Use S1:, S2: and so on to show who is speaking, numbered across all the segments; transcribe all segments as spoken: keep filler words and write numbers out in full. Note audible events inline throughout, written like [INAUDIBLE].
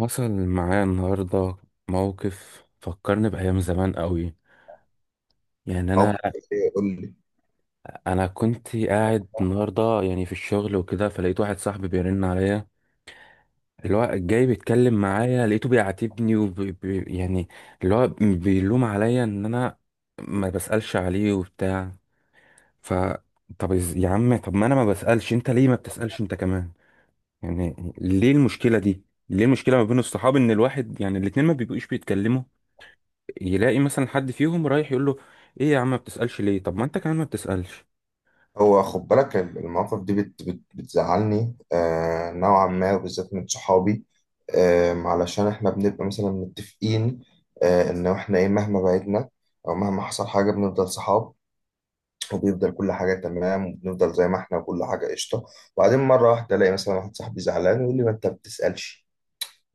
S1: حصل معايا النهاردة موقف فكرني بأيام زمان قوي. يعني أنا
S2: موقف؟ ايه قول لي.
S1: أنا كنت قاعد النهاردة يعني في الشغل وكده، فلقيت واحد صاحبي بيرن عليا. اللي هو جاي بيتكلم معايا، لقيته بيعاتبني وبي بي- يعني اللي هو بيلوم عليا إن أنا ما بسألش عليه وبتاع. ف طب إز- يا عم، طب ما أنا ما بسألش، أنت ليه ما بتسألش أنت كمان؟ يعني ليه المشكلة دي؟ ليه المشكلة ما بين الصحاب، إن الواحد، يعني الاتنين، ما بيبقوش بيتكلموا، يلاقي مثلا حد فيهم رايح يقول له: ايه يا عم ما بتسألش ليه؟ طب ما انت كمان ما بتسألش.
S2: هو خد بالك ال- المواقف دي بت بت بتزعلني آه، نوعا ما، وبالذات من صحابي. آه، علشان احنا بنبقى مثلا متفقين، آه، ان احنا ايه، مهما بعدنا او مهما حصل حاجة بنفضل صحاب، وبيفضل كل حاجة تمام، وبنفضل زي ما احنا وكل حاجة قشطة. وبعدين مرة واحدة ألاقي مثلا واحد صاحبي زعلان ويقول لي: ما أنت بتسألش.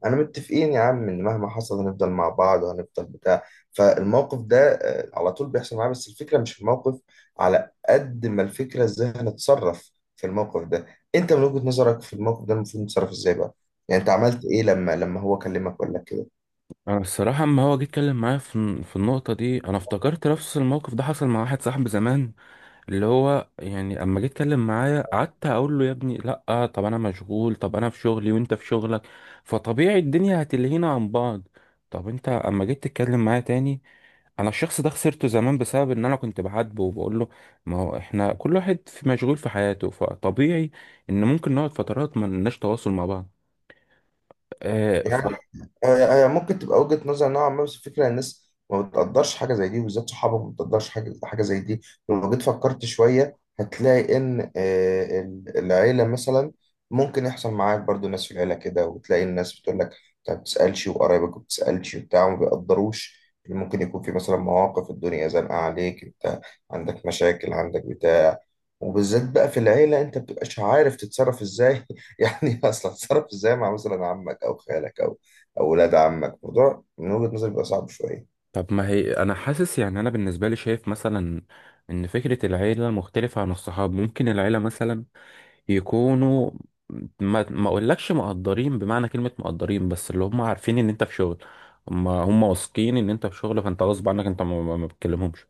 S2: أنا متفقين يا عم إن مهما حصل هنفضل مع بعض وهنفضل بتاع. فالموقف ده آه، على طول بيحصل معايا، بس الفكرة مش في الموقف، على قد ما الفكرة إزاي هنتصرف في الموقف ده. أنت من وجهة نظرك في الموقف ده المفروض نتصرف إزاي بقى؟ يعني أنت عملت إيه لما لما هو كلمك وقال لك كده؟
S1: انا الصراحة اما هو جه اتكلم معايا في في النقطة دي، انا افتكرت نفس الموقف ده حصل مع واحد صاحبي زمان، اللي هو يعني اما جه اتكلم معايا، قعدت اقول له: يا ابني لا، طب انا مشغول، طب انا في شغلي وانت في شغلك، فطبيعي الدنيا هتلهينا عن بعض. طب انت اما جيت تتكلم معايا تاني، انا الشخص ده خسرته زمان بسبب ان انا كنت بعاتبه وبقول له: ما هو احنا كل واحد في مشغول في حياته، فطبيعي ان ممكن نقعد فترات ما لناش تواصل مع بعض. آه ف...
S2: يعني هي هي ممكن تبقى وجهة نظر نوعا ما، بس الفكرة إن الناس ما بتقدرش حاجة زي دي، وبالذات صحابك ما بتقدرش حاجة حاجة زي دي. لو جيت فكرت شوية هتلاقي إن آه، ال- العيلة مثلا ممكن يحصل معاك برضو ناس في العيلة كده، وتلاقي الناس بتقول لك: أنت ما بتسألش وقرايبك ما بتسألش وبتاع، وما بيقدروش. ممكن يكون في مثلا مواقف الدنيا زنقة عليك أنت، عندك مشاكل، عندك بتاع. وبالذات بقى في العيلة انت بتبقاش عارف تتصرف ازاي، [LAUGHS] يعني اصلا تتصرف ازاي مع مثلا عمك او خالك او او ولاد عمك؟ موضوع من وجهة نظري بيبقى صعب شوية.
S1: طب ما هي انا حاسس، يعني انا بالنسبه لي شايف مثلا ان فكره العيله مختلفه عن الصحاب. ممكن العيله مثلا يكونوا ما ما اقولكش مقدرين بمعنى كلمه مقدرين، بس اللي هم عارفين ان انت في شغل. هم هم واثقين ان انت في شغل، فانت غصب عنك انت ما ما ما بتكلمهمش.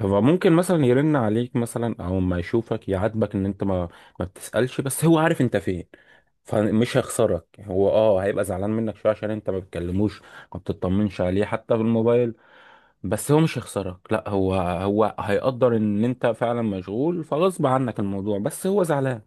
S1: هو ممكن مثلا يرن عليك مثلا، او ما يشوفك يعاتبك ان انت ما ما بتسألش، بس هو عارف انت فين، فمش هيخسرك. هو اه هيبقى زعلان منك شويه عشان انت ما بتكلموش، ما بتطمنش عليه حتى بالموبايل، بس هو مش هيخسرك لا. هو هو هيقدر ان انت فعلا مشغول، فغصب عنك الموضوع، بس هو زعلان.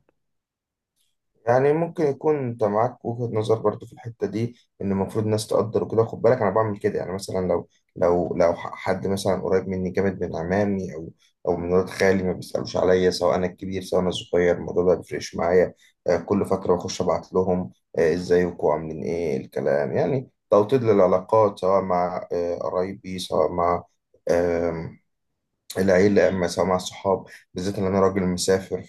S2: يعني ممكن يكون انت معاك وجهة نظر برضو في الحتة دي، ان المفروض الناس تقدر وكده. خد بالك انا بعمل كده، يعني مثلا لو لو لو ح- حد مثلا قريب مني جامد من عمامي او او من ولاد خالي، ما بيسألوش عليا، سواء انا الكبير سواء انا الصغير، الموضوع ده بيفرقش معايا. آه، كل فترة بخش ابعت لهم آه، ازيكم عاملين ايه، الكلام يعني توطيد للعلاقات، سواء مع آه، قرايبي، سواء مع آم، العيلة، أما سواء مع الصحاب. بالذات إن أنا راجل مسافر،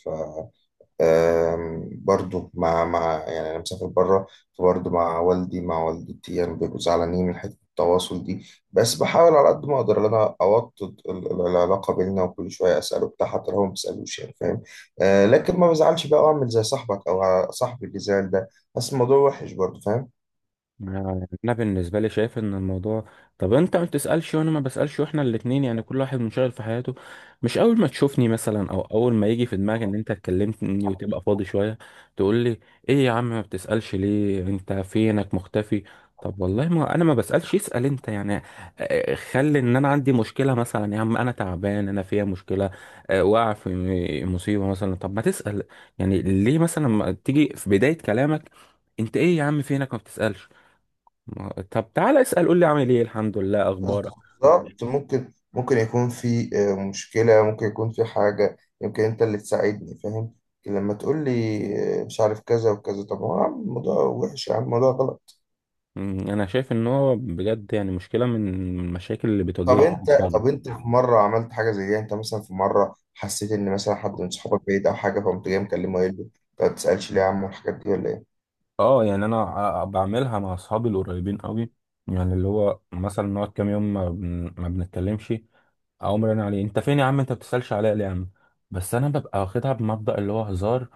S2: آم، برضو مع مع يعني أنا مسافر بره، فبرضو مع والدي مع والدتي، يعني بيبقوا زعلانين من حتة التواصل دي. بس بحاول على قد ما أقدر إن أنا أوطد ال- ال- العلاقة بيننا، وكل شوية أسأله بتاع، حتى لو هو ما بيسألوش، يعني فاهم. آه، لكن ما بزعلش بقى أعمل زي صاحبك أو صاحبي اللي زعل ده. بس الموضوع وحش برضو فاهم.
S1: ما- انا بالنسبه لي شايف ان الموضوع، طب انت ما بتسالش وانا ما بسالش، واحنا الاتنين يعني كل واحد منشغل في حياته، مش اول ما تشوفني مثلا، او اول ما يجي في دماغك ان انت اتكلمتني وتبقى فاضي شويه، تقول لي: ايه يا عم ما بتسالش ليه، انت فينك مختفي؟ طب والله ما انا ما بسالش، اسال انت يعني. آه، خلي ان انا عندي مشكله مثلا، يا عم انا تعبان انا فيها مشكله، آه، واقع في م- مصيبه مثلا، طب ما تسال. يعني ليه مثلا ما تيجي في بدايه كلامك انت: ايه يا عم فينك ما بتسالش؟ ما- طب تعالى اسأل، قول لي عامل ايه، الحمد لله اخبارك.
S2: بالظبط. ممكن ممكن يكون في آه، مشكلة، ممكن يكون في حاجة يمكن أنت اللي تساعدني فاهم. لكن لما تقول لي آه، مش عارف كذا وكذا، طب هو يا عم الموضوع وحش، يا عم الموضوع غلط.
S1: مم، انا شايف ان هو بجد يعني مشكله من من المشاكل اللي
S2: طب
S1: بتواجهني في
S2: أنت،
S1: اصحابي.
S2: طب أنت في مرة عملت حاجة زي دي؟ أنت مثلا في مرة حسيت إن مثلا حد من صحابك بعيد أو حاجة، فقمت جاي مكلمه يقول له: "أنت ما بتسألش ليه يا عم؟" والحاجات دي ولا إيه؟
S1: اه يعني انا ع- بعملها مع اصحابي القريبين قوي. يعني اللي هو مثلا نقعد كام يوم ما, بن... ما بنتكلمش، اقوم رن عليه: انت فين يا عم، انت ما بتسالش عليا ليه يا عم؟ بس انا ببقى واخدها بمبدأ اللي هو هزار،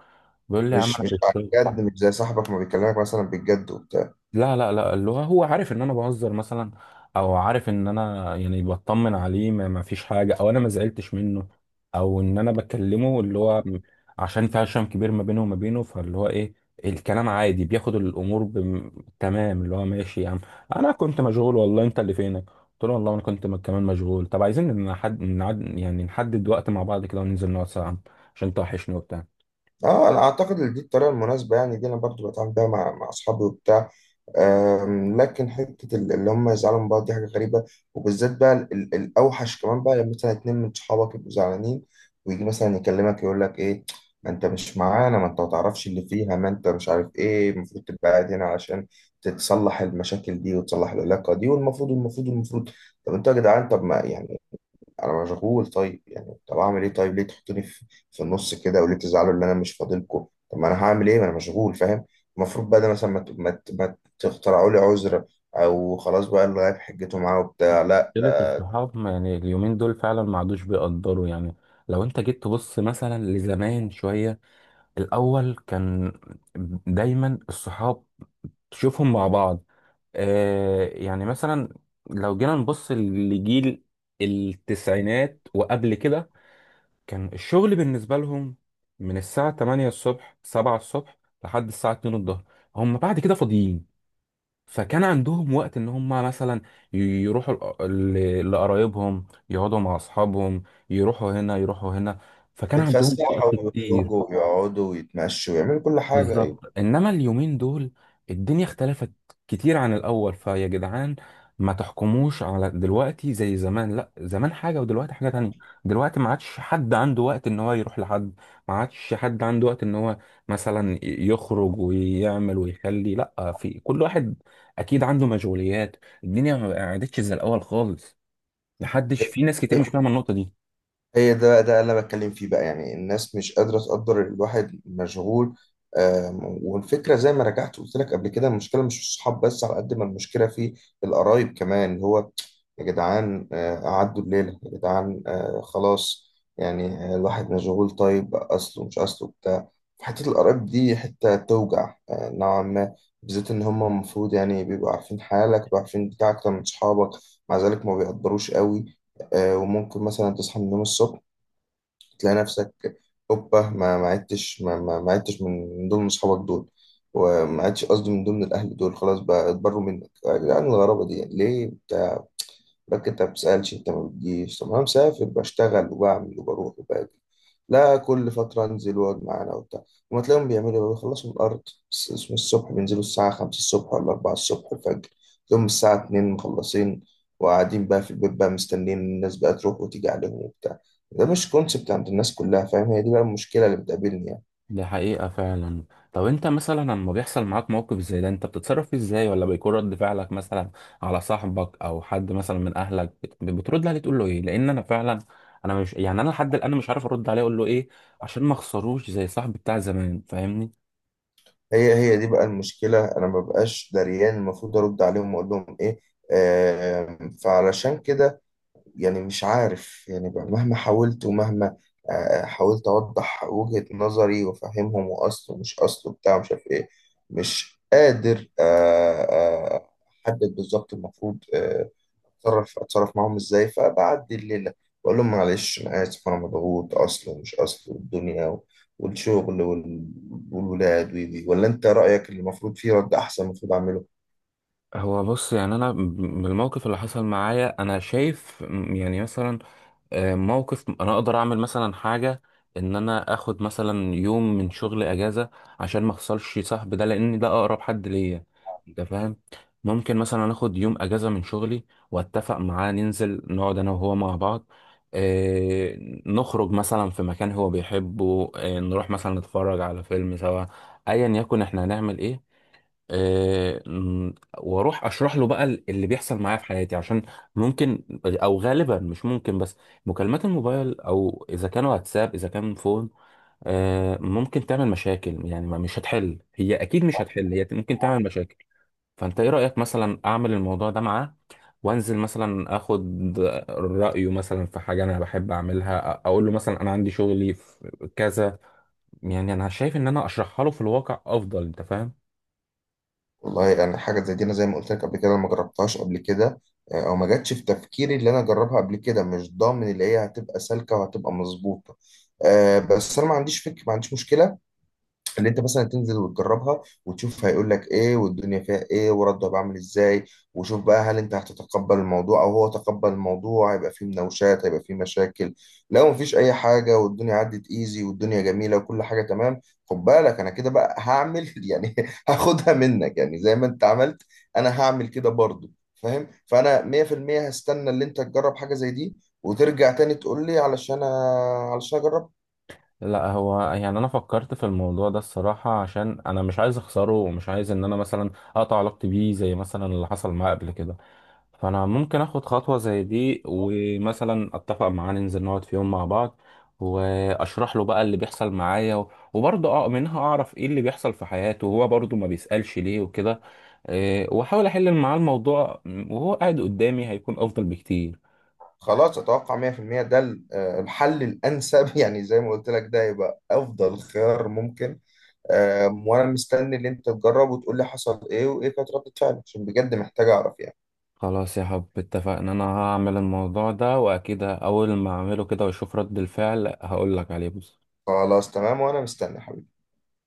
S1: بيقول لي: يا عم
S2: مش
S1: انا في
S2: مش على
S1: الشغل.
S2: الجد؟ مش زي صاحبك ما بيكلمك مثلا بالجد وبتاع؟
S1: لا لا لا، اللغة هو عارف ان انا بهزر مثلا، او عارف ان انا يعني بطمن عليه، ما ما فيش حاجة، او انا ما زعلتش منه، او ان انا بكلمه، اللي هو م- عشان في عشم كبير ما بينه وما بينه، فاللي هو ايه، الكلام عادي، بياخد الامور بم... تمام، اللي هو ماشي يا عم انا كنت مشغول والله، انت اللي فينك. قلت له: والله انا كنت م- كمان مشغول، طب عايزين نحد نعد... يعني نحدد وقت مع بعض كده، وننزل نقعد ساعة عشان توحشني وبتاع.
S2: اه، انا اعتقد ان دي الطريقه المناسبه، يعني دي انا برضو بتعامل بيها مع مع اصحابي وبتاع. أم، لكن حتة ال- اللي هم يزعلوا من بعض دي حاجة غريبة. وبالذات بقى ال- ال- الأوحش كمان بقى لما مثلا اتنين من صحابك يبقوا زعلانين، ويجي مثلا يكلمك يقول لك: إيه، ما أنت مش معانا، ما أنت ما تعرفش اللي فيها، ما أنت مش عارف، إيه، المفروض تبقى قاعد هنا عشان تتصلح المشاكل دي وتصلح العلاقة دي، والمفروض المفروض المفروض. طب أنتوا يا جدعان، طب ما يعني انا مشغول. طيب يعني طب اعمل ايه؟ طيب ليه تحطوني في في النص كده، وليه تزعلوا ان انا مش فاضلكم؟ طب ما انا هعمل ايه، ما انا مشغول فاهم. المفروض بقى ده مثلا ما, ت- ما, ت- ما تخترعوا لي عذر، او خلاص بقى اللي غايب حجته معاه وبتاع، لا
S1: مشكلة
S2: ده
S1: الصحاب يعني اليومين دول فعلا ما عادوش بيقدروا يعني. لو انت جيت تبص مثلا لزمان شوية، الأول كان دايما الصحاب تشوفهم مع بعض. آه يعني مثلا لو جينا نبص لجيل التسعينات وقبل كده، كان الشغل بالنسبة لهم من الساعة ثمانية الصبح، سبعة الصبح، لحد الساعة الثانية الظهر، هم بعد كده فاضيين. فكان عندهم وقت ان هم مثلا ي- يروحوا لق- ل- لقرايبهم، يقعدوا مع اصحابهم، يروحوا هنا يروحوا هنا، فكان عندهم
S2: يتفسحوا
S1: وقت كتير.
S2: ويخرجوا ويقعدوا ويتمشوا ويعملوا كل حاجه.
S1: بالظبط. انما اليومين دول الدنيا اختلفت كتير عن الاول. فيا جدعان ما تحكموش على دلوقتي زي زمان، لا، زمان حاجه ودلوقتي حاجه تانية. دلوقتي ما عادش حد عنده وقت ان هو يروح لحد، ما عادش حد عنده وقت ان هو مثلا يخرج ويعمل ويخلي. لا، في كل واحد اكيد عنده مشغوليات، الدنيا ما عادتش زي الاول خالص. محدش، في ناس كتير مش
S2: ايه،
S1: فاهمه النقطه دي.
S2: هي ده بقى، ده اللي انا بتكلم فيه بقى، يعني الناس مش قادره تقدر الواحد مشغول. آم، والفكره زي ما رجعت قلت لك قبل كده، المشكله مش في الصحاب بس، على قد ما المشكله في القرايب كمان. اللي هو يا جدعان آه، قعدوا الليله يا جدعان، آه، خلاص يعني آه، الواحد مشغول، طيب اصله مش اصله بتاع. حته القرايب دي حته توجع آه، نوعا ما، بالذات ان هم المفروض يعني بيبقوا عارفين حالك، بيبقوا عارفين بتاع اكتر من صحابك، مع ذلك ما بيقدروش قوي. آه، وممكن مثلا تصحى من النوم الصبح تلاقي نفسك هوبا، ما ما عدتش ما ما ما عدتش من من ضمن اصحابك دول، وما عدتش قصدي من ضمن الاهل دول. خلاص بقى اتبروا منك يا جدعان؟ الغرابه دي ليه؟ لك انت ما بتسألش، انت ما بتجيش. طب انا مسافر، بشتغل وبعمل وبروح وباجي، لا كل فترة انزل واقعد معانا وبتاع. وما تلاقيهم بيعملوا ايه؟ بيخلصوا من الارض، الس- من الصبح بينزلوا الساعة خمسة الصبح ولا اربعة الصبح الفجر، تلاقيهم الساعة اتنين مخلصين، وقاعدين بقى في البيت بقى مستنيين الناس بقى تروح وتيجي عليهم وبتاع. ده مش كونسبت عند الناس كلها فاهم. هي دي بقى المشكلة اللي بتقابلني يعني.
S1: دي حقيقة فعلا. طب انت مثلا لما بيحصل معاك موقف زي ده انت بتتصرف فيه ازاي، ولا بيكون رد فعلك مثلا على صاحبك او حد مثلا من اهلك، بت- بترد عليه تقول له ايه؟ لان انا فعلا، انا مش يعني انا لحد الان مش عارف ارد عليه اقول له ايه، عشان ما اخسروش زي صاحبي بتاع زمان، فاهمني؟
S2: هي هي دي بقى المشكلة، انا ما بقاش دريان المفروض ارد عليهم واقول لهم ايه. آم، فعلشان كده يعني مش عارف يعني بقى، مهما حاولت ومهما آه، حاولت أوضح وجهة نظري وأفهمهم، وأصله مش أصله بتاع مش عارف إيه، مش قادر آه، آه، أحدد بالظبط المفروض آه، أتصرف أتصرف معاهم إزاي. فبعدي الليلة بقول لهم معلش أنا آسف، أنا مضغوط، أصله ومش أصله، والدنيا و- والشغل وال- والولاد وي- وي. ولا أنت رأيك اللي المفروض فيه رد أحسن المفروض أعمله؟
S1: هو بص، يعني انا ب- بالموقف اللي حصل معايا انا شايف م- يعني مثلا آه، موقف انا اقدر اعمل مثلا حاجه، ان انا اخد مثلا يوم من شغل اجازه عشان ما اخسرش صاحبي ده، لان ده اقرب حد ليا، انت فاهم. ممكن مثلا اخد يوم اجازه من شغلي، واتفق معاه ننزل نقعد انا وهو مع بعض. آه، نخرج مثلا في مكان هو بيحبه، آه، نروح مثلا نتفرج على فيلم سوا، ايا يكن احنا هنعمل ايه، آه، م- واروح اشرح له بقى ال- اللي بيحصل معايا في حياتي، عشان ممكن، او غالبا مش ممكن، بس مكالمات الموبايل او اذا كان واتساب اذا كان فون، آه، ممكن تعمل مشاكل، يعني ما- مش هتحل هي، اكيد مش هتحل هي، ممكن تعمل مشاكل. فانت ايه رأيك مثلا اعمل الموضوع ده معاه، وانزل مثلا اخد رأيه مثلا في حاجة انا بحب اعملها، أ- اقول له مثلا انا عندي شغلي في كذا. يعني انا شايف ان انا اشرحها له في الواقع افضل، انت فاهم.
S2: والله يعني حاجة زي دي أنا زي ما قلت لك قبل كده، أنا ما جربتهاش قبل كده. آه، أو ما جاتش في تفكيري اللي أنا أجربها قبل كده، مش ضامن اللي هي هتبقى سالكة وهتبقى مظبوطة. آه، بس أنا ما عنديش فكرة، ما عنديش مشكلة اللي انت مثلا تنزل وتجربها وتشوف هيقول لك ايه، والدنيا فيها ايه، ورده بعمل ازاي. وشوف بقى هل انت هتتقبل الموضوع او هو تقبل الموضوع، هيبقى فيه مناوشات، هيبقى فيه مشاكل. لو مفيش اي حاجه والدنيا عدت ايزي والدنيا جميله وكل حاجه تمام، خد بالك انا كده بقى هعمل، [LAUGHS] يعني هاخدها منك، يعني زي ما انت عملت انا هعمل كده برضو فاهم. فانا مية في المية هستنى اللي انت تجرب حاجه زي دي وترجع تاني تقول لي، علشان علشان اجرب.
S1: لا، هو يعني انا فكرت في الموضوع ده الصراحة عشان انا مش عايز اخسره، ومش عايز ان انا مثلا اقطع علاقتي بيه زي مثلا اللي حصل معاه قبل كده. فانا ممكن اخد خطوة زي دي، ومثلا اتفق معاه ننزل نقعد في يوم مع بعض، واشرح له بقى اللي بيحصل معايا، و- وبرضه اه منها اعرف ايه اللي بيحصل في حياته، وهو برضه ما بيسألش ليه وكده. إيه، واحاول احل معاه الموضوع، وهو قاعد قدامي هيكون افضل بكتير.
S2: خلاص، اتوقع مية في المية ده ال- آه، الحل الانسب، [LAUGHS] يعني زي ما قلت لك ده يبقى افضل خيار ممكن. آم، وانا مستني اللي انت تجرب وتقول لي حصل ايه وايه كانت ردة فعلك، عشان بجد محتاج اعرف يعني.
S1: خلاص يا حب اتفقنا، انا هعمل الموضوع ده، واكيد اول ما اعمله كده واشوف رد الفعل هقول لك عليه بس.
S2: خلاص تمام، وانا مستني حبيبي.